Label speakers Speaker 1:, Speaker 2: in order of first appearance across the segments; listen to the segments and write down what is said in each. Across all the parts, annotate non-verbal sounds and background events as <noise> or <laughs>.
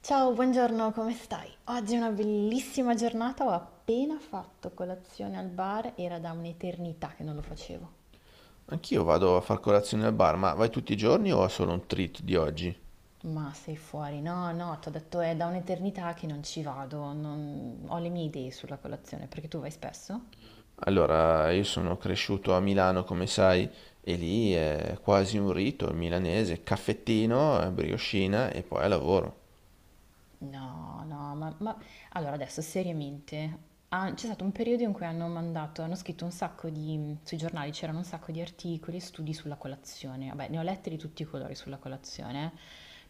Speaker 1: Ciao, buongiorno, come stai? Oggi è una bellissima giornata, ho appena fatto colazione al bar, era da un'eternità che non lo facevo.
Speaker 2: Anch'io vado a far colazione al bar, ma vai tutti i giorni o è solo un treat di oggi?
Speaker 1: Ma sei fuori? No, no, ti ho detto è da un'eternità che non ci vado, ho le mie idee sulla colazione, perché tu vai spesso?
Speaker 2: Allora, io sono cresciuto a Milano, come sai, e lì è quasi un rito il milanese, caffettino, briochina e poi al lavoro.
Speaker 1: No, no, allora adesso seriamente, ah, c'è stato un periodo in cui hanno scritto sui giornali c'erano un sacco di articoli e studi sulla colazione, vabbè ne ho letti di tutti i colori sulla colazione,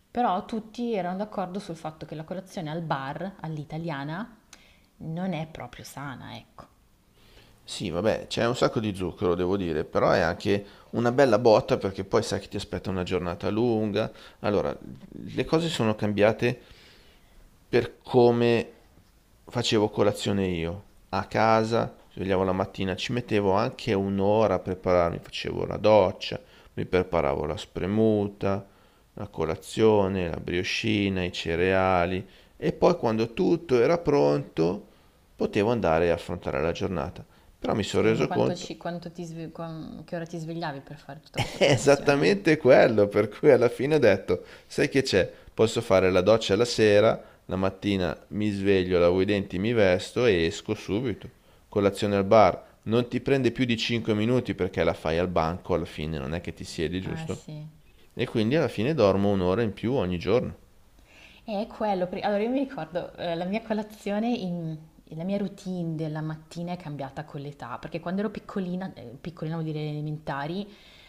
Speaker 1: però tutti erano d'accordo sul fatto che la colazione al bar, all'italiana, non è proprio sana, ecco.
Speaker 2: Sì, vabbè, c'è un sacco di zucchero, devo dire, però è anche una bella botta perché poi sai che ti aspetta una giornata lunga. Allora, le cose sono cambiate per come facevo colazione io. A casa, svegliavo la mattina, ci mettevo anche un'ora a prepararmi, facevo la doccia, mi preparavo la spremuta, la colazione, la briochina, i cereali e poi quando tutto era pronto potevo andare a affrontare la giornata. Però mi sono
Speaker 1: Scusa, ma
Speaker 2: reso
Speaker 1: quanto
Speaker 2: conto,
Speaker 1: ci- quanto ti sve- quan- che ora ti svegliavi per fare
Speaker 2: <laughs>
Speaker 1: tutta
Speaker 2: è
Speaker 1: questa colazione?
Speaker 2: esattamente quello, per cui alla fine ho detto, sai che c'è? Posso fare la doccia la sera, la mattina mi sveglio, lavo i denti, mi vesto e esco subito. Colazione al bar, non ti prende più di 5 minuti perché la fai al banco, alla fine non è che ti siedi,
Speaker 1: Ah,
Speaker 2: giusto?
Speaker 1: sì.
Speaker 2: E quindi alla fine dormo un'ora in più ogni giorno.
Speaker 1: È quello, allora io mi ricordo, la mia colazione, la mia routine della mattina è cambiata con l'età, perché quando ero piccolina, piccolina vuol dire elementari,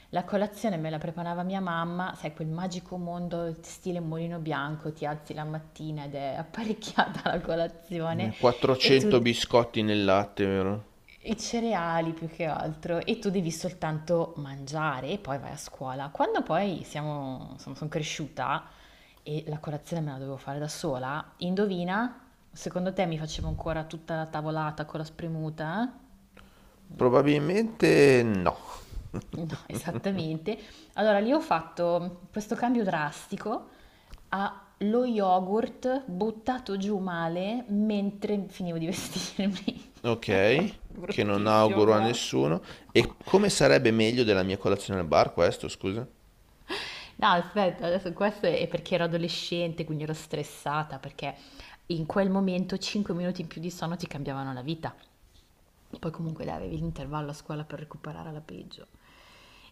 Speaker 1: la colazione me la preparava mia mamma, sai, quel magico mondo stile Mulino Bianco, ti alzi la mattina ed è apparecchiata <laughs> la colazione, e tu
Speaker 2: 400 biscotti nel latte, vero?
Speaker 1: i cereali più che altro, e tu devi soltanto mangiare e poi vai a scuola. Quando poi siamo, insomma, sono cresciuta e la colazione me la dovevo fare da sola, indovina? Secondo te mi facevo ancora tutta la tavolata con la spremuta? Eh?
Speaker 2: Probabilmente no.
Speaker 1: No, <laughs> esattamente. Allora lì ho fatto questo cambio drastico a lo yogurt buttato giù male mentre finivo di vestirmi.
Speaker 2: Ok,
Speaker 1: <laughs> Era
Speaker 2: che non
Speaker 1: bruttissimo,
Speaker 2: auguro a
Speaker 1: proprio.
Speaker 2: nessuno. E
Speaker 1: No.
Speaker 2: come sarebbe meglio della mia colazione al bar questo, scusa?
Speaker 1: No, aspetta, adesso questo è perché ero adolescente, quindi ero stressata, perché in quel momento 5 minuti in più di sonno ti cambiavano la vita. Poi comunque dai, avevi l'intervallo a scuola per recuperare alla peggio.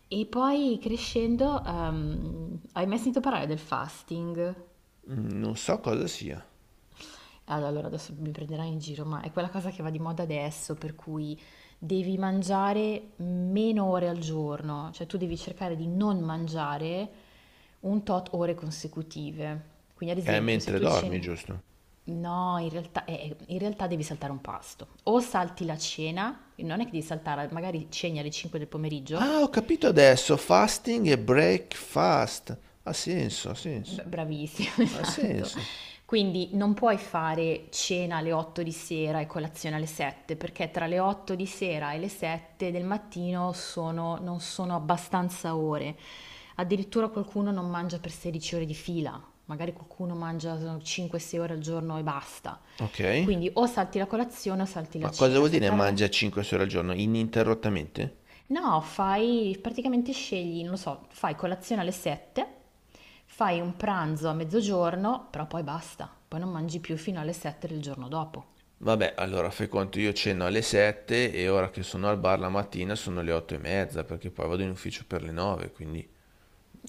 Speaker 1: E poi crescendo, hai mai sentito parlare del fasting?
Speaker 2: Mm, non so cosa sia.
Speaker 1: Ah, allora adesso mi prenderai in giro, ma è quella cosa che va di moda adesso, per cui devi mangiare meno ore al giorno, cioè tu devi cercare di non mangiare un tot ore consecutive. Quindi ad
Speaker 2: È
Speaker 1: esempio se
Speaker 2: mentre
Speaker 1: tu
Speaker 2: dormi,
Speaker 1: ceni...
Speaker 2: giusto?
Speaker 1: No, in realtà devi saltare un pasto. O salti la cena, non è che devi saltare, magari ceni alle 5 del pomeriggio.
Speaker 2: Ah, ho capito adesso. Fasting e breakfast. Ha senso, ha senso.
Speaker 1: Bravissimo, <laughs>
Speaker 2: Ha
Speaker 1: esatto.
Speaker 2: senso.
Speaker 1: Quindi non puoi fare cena alle 8 di sera e colazione alle 7, perché tra le 8 di sera e le 7 del mattino non sono abbastanza ore. Addirittura qualcuno non mangia per 16 ore di fila, magari qualcuno mangia 5-6 ore al giorno e basta.
Speaker 2: Ok.
Speaker 1: Quindi o salti la colazione o salti la
Speaker 2: Ma cosa
Speaker 1: cena.
Speaker 2: vuol dire
Speaker 1: Saltare la...
Speaker 2: mangia 5 ore al giorno ininterrottamente?
Speaker 1: No, fai praticamente scegli, non lo so, fai colazione alle 7, fai un pranzo a mezzogiorno, però poi basta, poi non mangi più fino alle 7 del giorno dopo.
Speaker 2: Vabbè, allora fai conto, io ceno alle 7 e ora che sono al bar la mattina sono le 8 e mezza perché poi vado in ufficio per le 9, quindi...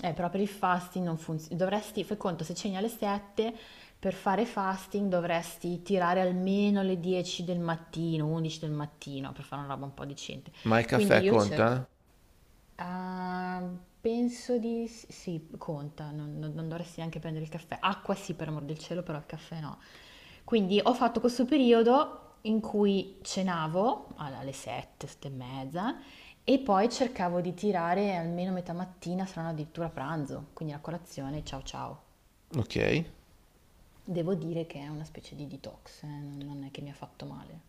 Speaker 1: Però per il fasting non funziona. Dovresti, fai conto, se ceni alle 7, per fare fasting dovresti tirare almeno le 10 del mattino, 11 del mattino, per fare una roba un po' decente.
Speaker 2: Ma il
Speaker 1: Quindi
Speaker 2: caffè
Speaker 1: io cerco
Speaker 2: conta?
Speaker 1: Ah, penso di sì, conta, non dovresti neanche prendere il caffè. Acqua sì, per amor del cielo, però il caffè no. Quindi ho fatto questo periodo in cui cenavo alle 7, 7 e mezza, e poi cercavo di tirare almeno metà mattina, se non addirittura pranzo, quindi la colazione, ciao ciao.
Speaker 2: Ok.
Speaker 1: Devo dire che è una specie di detox, non è che mi ha fatto male.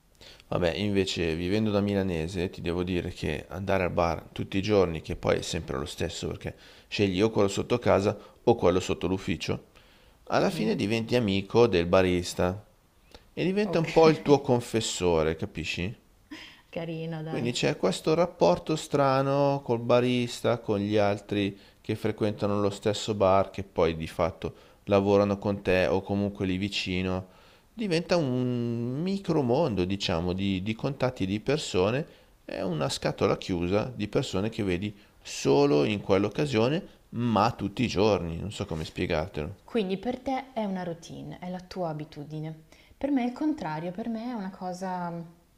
Speaker 2: Vabbè, invece vivendo da milanese ti devo dire che andare al bar tutti i giorni, che poi è sempre lo stesso perché scegli o quello sotto casa o quello sotto l'ufficio, alla fine
Speaker 1: Mhm.
Speaker 2: diventi amico del barista e diventa
Speaker 1: Ok,
Speaker 2: un po' il tuo
Speaker 1: <laughs>
Speaker 2: confessore, capisci?
Speaker 1: carina,
Speaker 2: Quindi
Speaker 1: dai.
Speaker 2: c'è questo rapporto strano col barista, con gli altri che frequentano lo stesso bar, che poi di fatto lavorano con te o comunque lì vicino. Diventa un micromondo, diciamo, di contatti di persone, è una scatola chiusa di persone che vedi solo in quell'occasione, ma tutti i giorni, non so come spiegartelo.
Speaker 1: Quindi per te è una routine, è la tua abitudine. Per me è il contrario, per me è una cosa,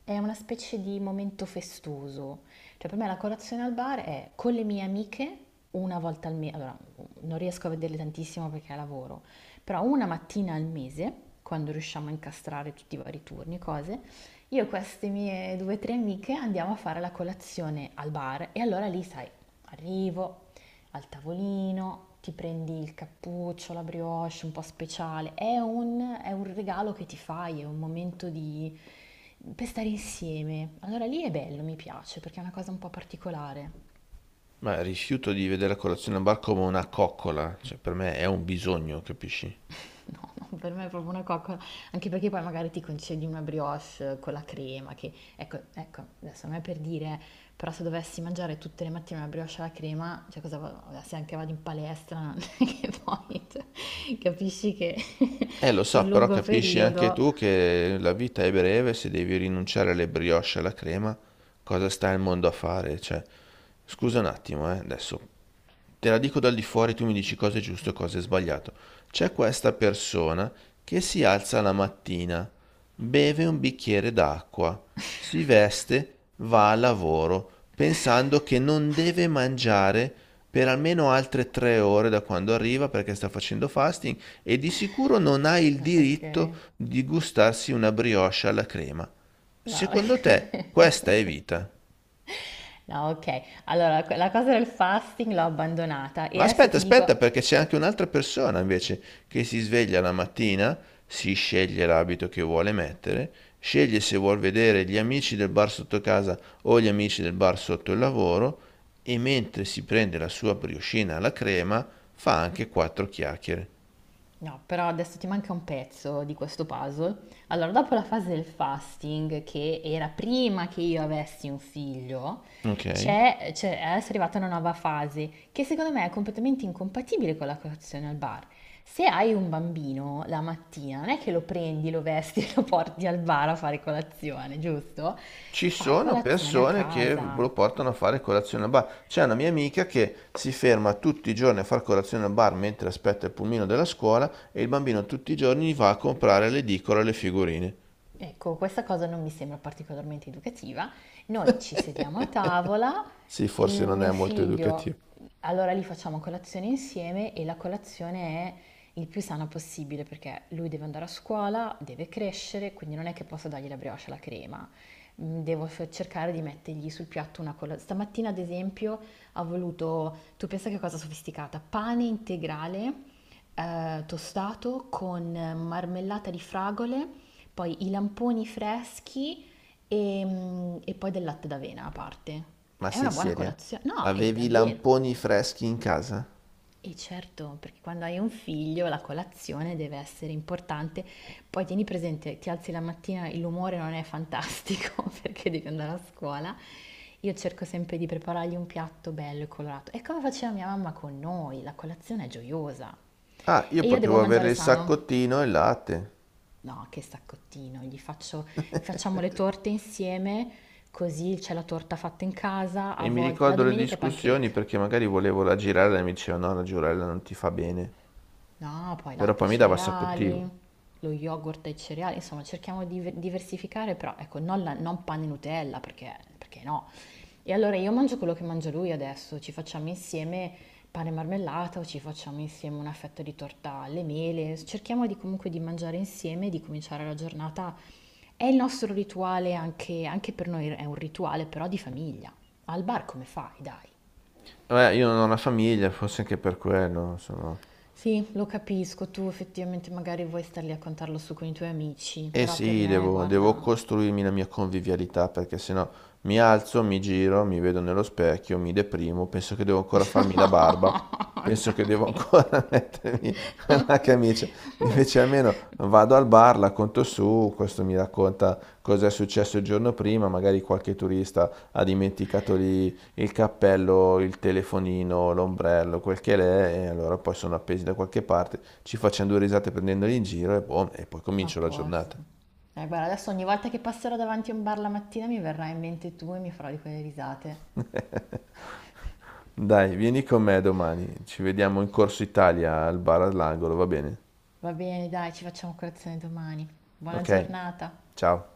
Speaker 1: è una specie di momento festoso. Cioè per me la colazione al bar è con le mie amiche una volta al mese, allora non riesco a vederle tantissimo perché lavoro, però una mattina al mese, quando riusciamo a incastrare tutti i vari turni e cose, io e queste mie due o tre amiche andiamo a fare la colazione al bar e allora lì, sai, arrivo al tavolino, ti prendi il cappuccio, la brioche un po' speciale. È un regalo che ti fai, è un momento di, per stare insieme. Allora lì è bello, mi piace, perché è una cosa un po' particolare.
Speaker 2: Ma rifiuto di vedere la colazione al bar come una coccola, cioè per me è un bisogno, capisci?
Speaker 1: No, no, per me è proprio una coccola, anche perché poi magari ti concedi una brioche, con la crema, che ecco, ecco, adesso non è per dire, però se dovessi mangiare tutte le mattine una brioche alla crema, cioè cosa se anche vado in palestra, <laughs> che poi cioè, capisci che <laughs>
Speaker 2: Lo so,
Speaker 1: sul
Speaker 2: però
Speaker 1: lungo
Speaker 2: capisci anche
Speaker 1: periodo...
Speaker 2: tu che la vita è breve, se devi rinunciare alle brioche e alla crema, cosa sta il mondo a fare? Cioè, scusa un attimo, adesso te la dico dal di fuori, tu mi dici cosa è giusto e cosa è sbagliato. C'è questa persona che si alza la mattina, beve un bicchiere d'acqua, si veste, va al lavoro, pensando che non
Speaker 1: <laughs>
Speaker 2: deve mangiare per almeno altre 3 ore da quando arriva perché sta facendo fasting e di sicuro non ha il
Speaker 1: Ah, ok,
Speaker 2: diritto di gustarsi una brioche alla crema.
Speaker 1: no,
Speaker 2: Secondo te,
Speaker 1: <laughs>
Speaker 2: questa è vita?
Speaker 1: no, ok. Allora, la cosa del fasting l'ho abbandonata
Speaker 2: Ma
Speaker 1: e adesso
Speaker 2: aspetta,
Speaker 1: ti
Speaker 2: aspetta,
Speaker 1: dico,
Speaker 2: perché c'è anche un'altra persona invece che si sveglia la mattina, si sceglie l'abito che vuole mettere, sceglie se vuol vedere gli amici del bar sotto casa o gli amici del bar sotto il lavoro e mentre si prende la sua brioscina alla crema fa anche quattro chiacchiere.
Speaker 1: no, però adesso ti manca un pezzo di questo puzzle. Allora, dopo la fase del fasting, che era prima che io avessi un figlio,
Speaker 2: Ok?
Speaker 1: c'è- è adesso è arrivata una nuova fase che secondo me è completamente incompatibile con la colazione al bar. Se hai un bambino la mattina, non è che lo prendi, lo vesti <laughs> e lo porti al bar a fare colazione, giusto?
Speaker 2: Ci
Speaker 1: Fai
Speaker 2: sono
Speaker 1: colazione a
Speaker 2: persone che
Speaker 1: casa.
Speaker 2: lo portano a fare colazione al bar. C'è una mia amica che si ferma tutti i giorni a fare colazione al bar mentre aspetta il pulmino della scuola e il bambino tutti i giorni va a comprare l'edicola e le figurine.
Speaker 1: Ecco, questa cosa non mi sembra particolarmente educativa. Noi ci sediamo a
Speaker 2: <laughs>
Speaker 1: tavola,
Speaker 2: Sì,
Speaker 1: il
Speaker 2: forse non
Speaker 1: mio
Speaker 2: è molto
Speaker 1: figlio,
Speaker 2: educativo.
Speaker 1: allora lì facciamo colazione insieme e la colazione è il più sana possibile perché lui deve andare a scuola, deve crescere, quindi non è che posso dargli la brioche e la crema. Devo cercare di mettergli sul piatto una colazione. Stamattina, ad esempio, ha voluto, tu pensa che cosa sofisticata, pane integrale, tostato con marmellata di fragole, poi i lamponi freschi e poi del latte d'avena a parte.
Speaker 2: Ma
Speaker 1: È una
Speaker 2: sei
Speaker 1: buona
Speaker 2: seria?
Speaker 1: colazione. No, è
Speaker 2: Avevi i
Speaker 1: davvero.
Speaker 2: lamponi freschi in casa?
Speaker 1: E certo, perché quando hai un figlio la colazione deve essere importante. Poi tieni presente, ti alzi la mattina, l'umore non è fantastico <laughs> perché devi andare a scuola. Io cerco sempre di preparargli un piatto bello e colorato. È come faceva mia mamma con noi, la colazione è gioiosa.
Speaker 2: Ah, io
Speaker 1: E io devo
Speaker 2: potevo
Speaker 1: mangiare
Speaker 2: avere il
Speaker 1: sano.
Speaker 2: saccottino e il latte.
Speaker 1: No, che saccottino, gli faccio, facciamo le
Speaker 2: <laughs>
Speaker 1: torte insieme, così c'è la torta fatta in casa, a
Speaker 2: E mi
Speaker 1: volte la
Speaker 2: ricordo le
Speaker 1: domenica è
Speaker 2: discussioni
Speaker 1: pancake.
Speaker 2: perché magari volevo raggirare e mi diceva no, la giurella non ti fa bene.
Speaker 1: No, poi
Speaker 2: Però
Speaker 1: latte e
Speaker 2: poi mi dava un sacco di
Speaker 1: cereali,
Speaker 2: tiro.
Speaker 1: lo yogurt e cereali, insomma, cerchiamo di diversificare, però ecco, non, non panna e Nutella, perché no? E allora io mangio quello che mangia lui adesso, ci facciamo insieme pane e marmellata o ci facciamo insieme una fetta di torta alle mele, cerchiamo di comunque di mangiare insieme, e di cominciare la giornata. È il nostro rituale, anche, anche per noi è un rituale però di famiglia. Al bar come fai, dai?
Speaker 2: Vabbè, io non ho una famiglia, forse anche per quello, insomma.
Speaker 1: Sì, lo capisco, tu effettivamente magari vuoi star lì a contarlo su con i tuoi amici,
Speaker 2: Eh
Speaker 1: però per
Speaker 2: sì,
Speaker 1: me,
Speaker 2: devo
Speaker 1: guarda...
Speaker 2: costruirmi la mia convivialità perché sennò mi alzo, mi giro, mi vedo nello specchio, mi deprimo, penso che devo ancora farmi la barba, penso che devo
Speaker 1: <laughs>
Speaker 2: ancora <laughs> mettermi
Speaker 1: No, dai.
Speaker 2: la camicia. Invece almeno vado al bar, la conto su, questo mi racconta cosa è successo il giorno prima, magari qualche turista ha dimenticato lì il cappello, il telefonino, l'ombrello, quel che l'è, e allora poi sono appesi da qualche parte, ci facciamo due risate prendendoli in giro e boh, e poi
Speaker 1: A
Speaker 2: comincio la giornata.
Speaker 1: posto. Guarda, adesso ogni volta che passerò davanti a un bar la mattina mi verrà in mente tu e mi farò di quelle risate.
Speaker 2: <laughs> Dai, vieni con me domani. Ci vediamo in Corso Italia al bar all'angolo, va bene?
Speaker 1: Va bene, dai, ci facciamo colazione domani. Buona
Speaker 2: Ok,
Speaker 1: giornata.
Speaker 2: ciao.